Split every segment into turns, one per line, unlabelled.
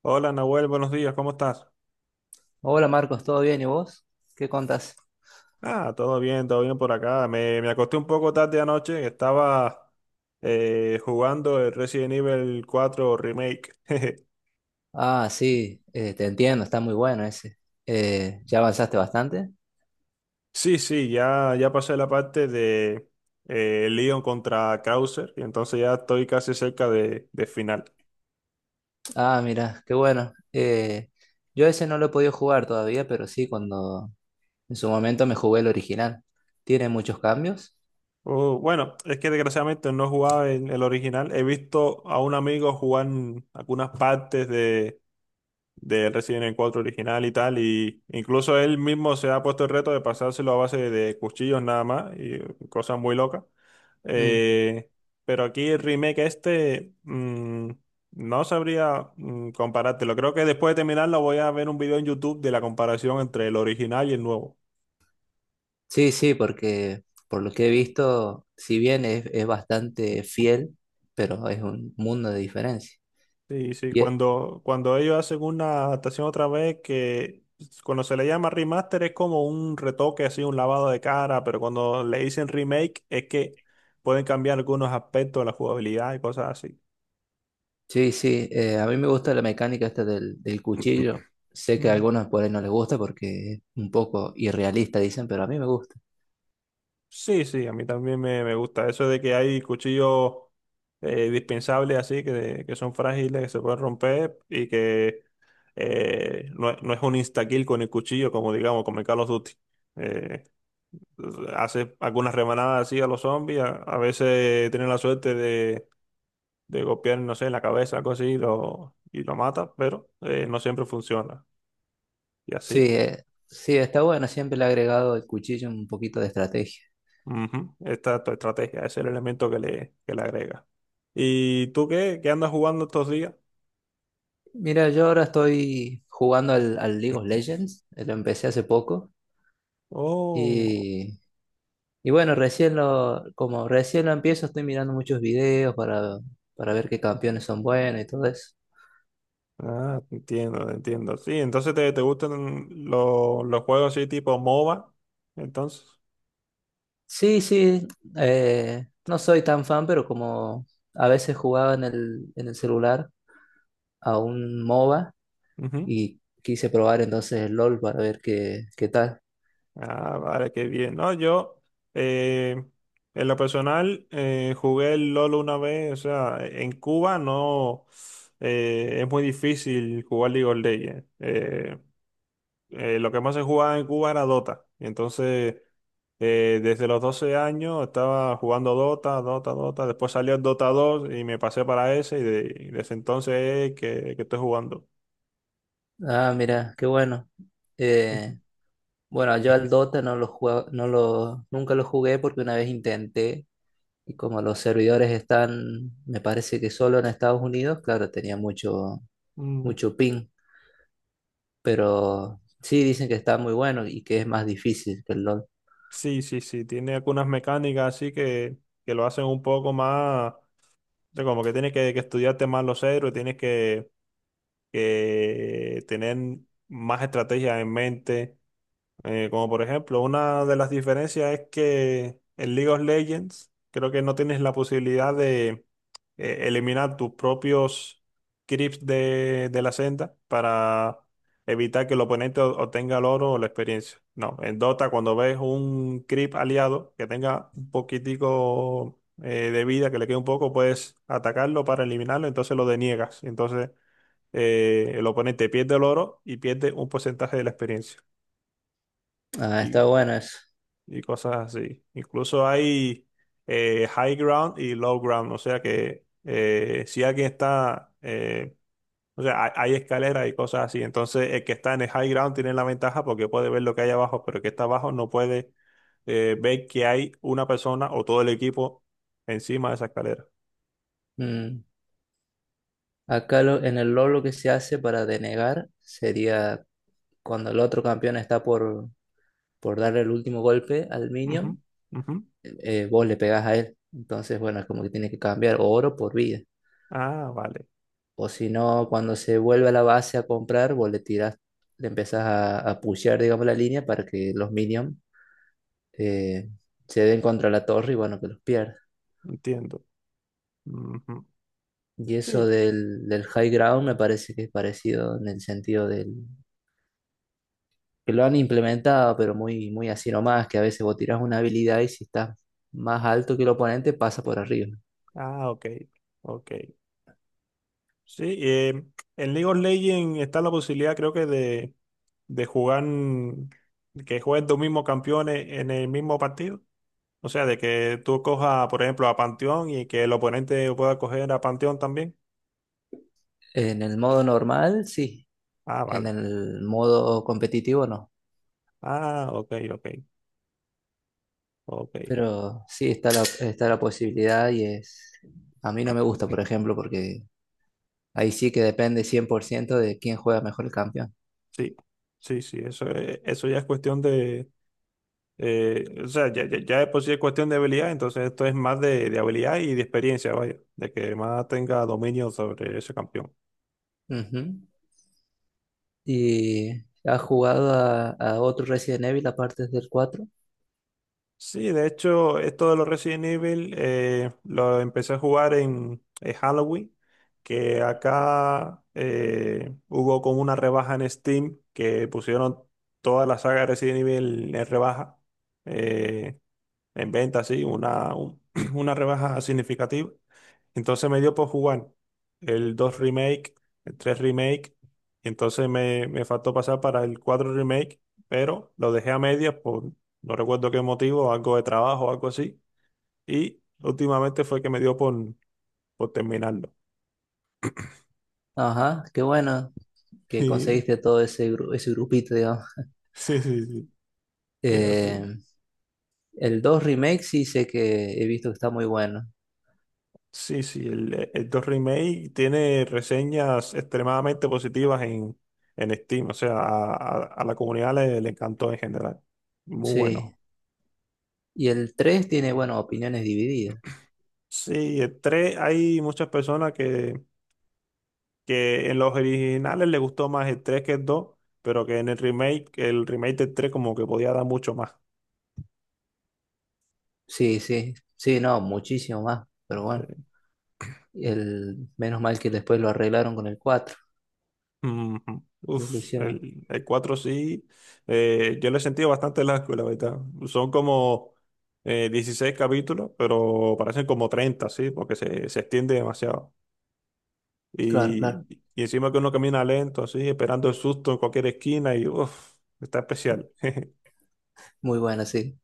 Hola Nahuel, buenos días, ¿cómo estás?
Hola Marcos, ¿todo bien? ¿Y vos? ¿Qué contás?
Ah, todo bien por acá. Me acosté un poco tarde anoche, estaba jugando el Resident Evil cuatro Remake.
Ah, sí, te entiendo, está muy bueno ese. ¿Ya avanzaste bastante?
Sí, sí, ya pasé la parte de Leon contra Krauser y entonces ya estoy casi cerca de final.
Ah, mira, qué bueno. Yo ese no lo he podido jugar todavía, pero sí, cuando en su momento me jugué el original. ¿Tiene muchos cambios?
Oh, bueno, es que desgraciadamente no jugaba en el original. He visto a un amigo jugar algunas partes de Resident Evil cuatro original y tal, y incluso él mismo se ha puesto el reto de pasárselo a base de cuchillos nada más, y cosas muy locas.
Mm.
Eh, pero aquí el remake este, no sabría comparártelo. Creo que después de terminarlo voy a ver un video en YouTube de la comparación entre el original y el nuevo.
Sí, sí, porque por lo que he visto, si bien es bastante fiel, pero es un mundo de diferencia.
Sí, sí,
¿Y, e,
cuando ellos hacen una adaptación otra vez que pues, cuando se le llama remaster es como un retoque, así un lavado de cara, pero cuando le dicen remake es que pueden cambiar algunos aspectos de la jugabilidad y cosas así.
Sí, sí, a mí me gusta la mecánica esta del cuchillo. Sé que a
Mm.
algunos por ahí no les gusta porque es un poco irrealista, dicen, pero a mí me gusta.
Sí, sí, a mí también me gusta eso de que hay cuchillos dispensables así, que son frágiles, que se pueden romper y que no, es no es un insta-kill con el cuchillo, como digamos, como en Call of Duty. Eh, Hace algunas remanadas así a los zombies. A veces tienen la suerte de golpear, no sé, en la cabeza, algo así, y lo mata, pero no siempre funciona. Y
Sí,
así.
sí, está bueno, siempre le he agregado el cuchillo un poquito de estrategia.
Ujú. Esta es tu estrategia, ese es el elemento que le agrega. ¿Y tú qué? ¿Qué andas jugando estos días?
Mira, yo ahora estoy jugando al League of Legends, lo empecé hace poco
Oh,
y, bueno, recién como recién lo empiezo, estoy mirando muchos videos para ver qué campeones son buenos y todo eso.
ah, entiendo, entiendo. Sí, entonces te gustan los juegos así tipo MOBA, entonces.
Sí, sí, no soy tan fan, pero como a veces jugaba en el celular a un MOBA
Ujú.
y quise probar entonces el LOL para ver qué tal.
Ah, vale, qué bien. No, yo eh, en lo personal jugué el LOL una vez, o sea, en Cuba no es muy difícil jugar League of Legends. Lo que más se jugaba en Cuba era Dota. Y entonces, desde los 12 años estaba jugando Dota, Dota, Dota. Después salió el Dota dos y me pasé para ese y desde entonces es que estoy jugando.
Ah, mira, qué bueno. Eh, bueno, yo al Dota no lo jugaba, nunca lo jugué porque una vez intenté y como los servidores están, me parece que solo en Estados Unidos, claro, tenía mucho, mucho ping, pero sí dicen que está muy bueno y que es más difícil que el LOL.
Sí, sí, sí, tiene algunas mecánicas así que lo hacen un poco más, o sea, como que tienes que estudiarte más los héroes, tienes que tener más estrategias en mente, como por ejemplo, una de las diferencias es que en League of Legends creo que no tienes la posibilidad de eliminar tus propios creeps de la senda para evitar que el oponente obtenga el oro o la experiencia. No, en Dota cuando ves un creep aliado que tenga un poquitico de vida, que le quede un poco, puedes atacarlo para eliminarlo, entonces lo deniegas. Entonces el oponente pierde el oro y pierde un porcentaje de la experiencia.
Ah, está
Y
bueno eso.
cosas así. Incluso hay high ground y low ground, o sea que si alguien está, o sea, hay escaleras y cosas así, entonces el que está en el high ground tiene la ventaja porque puede ver lo que hay abajo, pero el que está abajo no puede ver que hay una persona o todo el equipo encima de esa escalera.
Mm, Acá en el LoL lo que se hace para denegar sería cuando el otro campeón está por darle el último golpe al
Ujú,
minion,
ujú.
vos le pegás a él. Entonces, bueno, es como que tiene que cambiar oro por vida.
Ah, vale,
O si no, cuando se vuelve a la base a comprar, vos le tirás, le empezás a pushear, digamos, la línea para que los minions eh, se den contra la torre y bueno, que los pierda.
entiendo. Ujú.
Y
Sí,
eso del high ground me parece que es parecido en el sentido del que lo han implementado, pero muy, muy así nomás, que a veces vos tirás una habilidad y si estás más alto que el oponente, pasa por arriba.
ah, ok, ok. Sí, en League of Legends está la posibilidad, creo que, de jugar, que jueguen dos mismos campeones en el mismo partido. O sea, de que tú cojas, por ejemplo, a Panteón y que el oponente pueda coger a Panteón también.
En el modo normal, sí.
Ah,
En
vale.
el modo competitivo, no.
Ah, ok, ok, ok.
Pero sí está la posibilidad y es... A mí no me gusta, por ejemplo, porque ahí sí que depende 100% de quién juega mejor el campeón.
Sí, sí, sí, eso, eso ya es cuestión de... o sea, ya, ya, ya de por sí es cuestión de habilidad, entonces esto es más de habilidad y de experiencia, vaya, de que más tenga dominio sobre ese campeón.
Ujú. ¿Y has jugado a otro Resident Evil aparte del cuatro?
Sí, de hecho, esto de los Resident Evil lo empecé a jugar en Halloween, que acá hubo como una rebaja en Steam que pusieron toda la saga de Resident Evil en rebaja, eh, en venta, sí, una rebaja significativa. Entonces me dio por jugar el 2 remake, el 3 remake, y entonces me faltó pasar para el 4 remake, pero lo dejé a medias por no recuerdo qué motivo, algo de trabajo, algo así, y últimamente fue que me dio por terminarlo.
Ajá, qué bueno que
Sí,
conseguiste todo ese grupito, digamos.
sí, sí, sí, ya sí.
Eh, el 2 Remake sí sé que he visto que está muy bueno.
Sí, sí, el 2 remake tiene reseñas extremadamente positivas en Steam, o sea, a la comunidad le encantó en general. Muy
Sí.
bueno.
Y el 3 tiene, bueno, opiniones divididas.
Sí, el 3 hay muchas personas que en los originales les gustó más el 3 que el 2, pero que en el remake del 3 como que podía dar mucho más.
Sí, sí. Sí, no, muchísimo más. Pero bueno.
Sí.
Menos mal que después lo arreglaron con el 4
Ujú.
que lo
Uf,
hicieron.
el 4 sí, yo lo he sentido bastante largo, la verdad. Son como 16 capítulos, pero parecen como 30, sí, porque se extiende demasiado.
Claro, claro.
Y, y encima que uno camina lento, así, esperando el susto en cualquier esquina y uff, está especial.
Muy bueno, sí.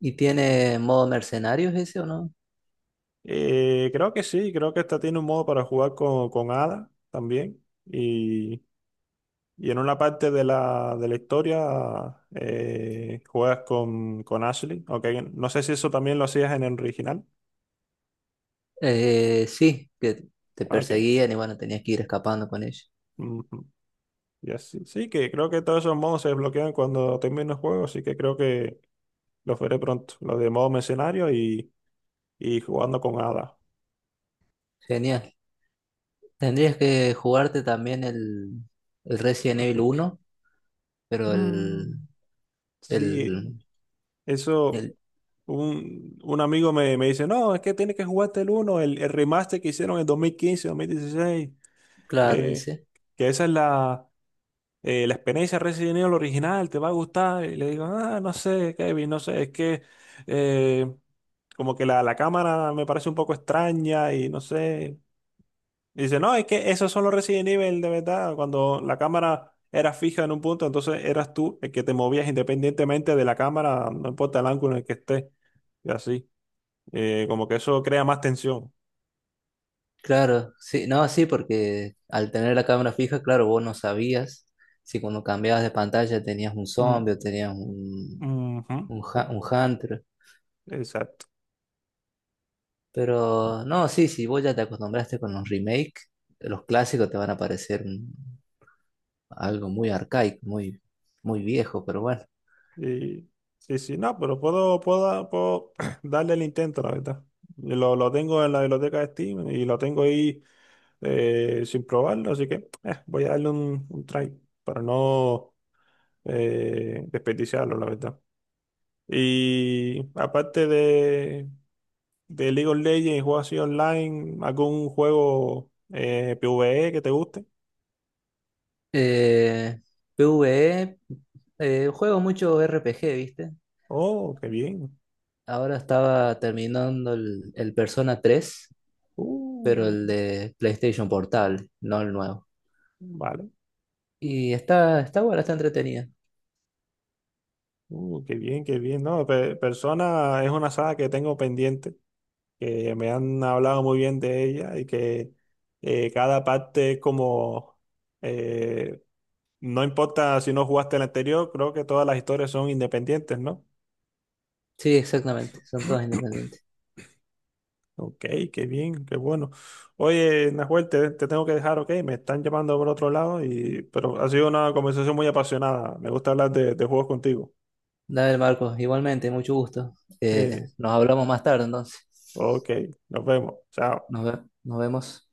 ¿Y tiene modo mercenarios ese o no?
Creo que sí, creo que esta tiene un modo para jugar con Ada también. Y en una parte de la historia juegas con Ashley. Okay. No sé si eso también lo hacías en el original.
Sí, que te
Ah, ok.
perseguían y bueno, tenías que ir escapando con ellos.
Ujú. Ya sí, sí, que creo que todos esos modos se desbloquean cuando termine el juego, así que creo que los veré pronto. Los de modo mercenario y jugando con Ada.
Genial. Tendrías que jugarte también el Resident Evil 1, pero
Mm. Sí,
el
eso,
El,
un amigo me dice, no, es que tienes que jugarte el uno el remaster que hicieron en 2015 2016
claro,
que,
ese.
que esa es la, la experiencia Resident Evil original, te va a gustar. Y le digo, ah, no sé, Kevin, no sé, es que eh, como que la cámara me parece un poco extraña y no sé. Y dice, no, es que esos son los Resident Evil de verdad, cuando la cámara era fija en un punto, entonces eras tú el que te movías independientemente de la cámara, no importa el ángulo en el que estés y así. Como que eso crea más tensión.
Claro, sí, no, sí, porque al tener la cámara fija, claro, vos no sabías si cuando cambiabas de pantalla tenías un
Mm,
zombie o tenías un,
ujú.
un,
Eh,
hu- un hunter.
Exacto.
Pero no, sí, si vos ya te acostumbraste con los remakes, los clásicos te van a parecer algo muy arcaico, muy, muy viejo, pero bueno.
Y, sí, sí, no, pero puedo darle el intento, la verdad. Y lo tengo en la biblioteca de Steam y lo tengo ahí sin probarlo, así que voy a darle un try para no desperdiciarlo, la verdad. Y aparte de League of Legends y juegos así online, ¿algún juego PvE que te guste?
Eh, PvE, juego mucho RPG, ¿viste?
Oh, qué bien.
Ahora estaba terminando el Persona 3, pero el
Uh,
de PlayStation Portable, no el nuevo.
vale.
Y está buena, está entretenida.
Qué bien, qué bien. No, Persona es una saga que tengo pendiente, que me han hablado muy bien de ella y que cada parte es como, eh, no importa si no jugaste el anterior, creo que todas las historias son independientes, ¿no?
Sí, exactamente, son todas independientes.
Ok, qué bien, qué bueno. Oye, Nahuel, te tengo que dejar, ok, me están llamando por otro lado, y, pero ha sido una conversación muy apasionada. Me gusta hablar de juegos contigo.
Dale, Marcos, igualmente, mucho gusto.
Eh,
Nos hablamos más tarde, entonces.
ok, nos vemos. Chao.
Nos vemos.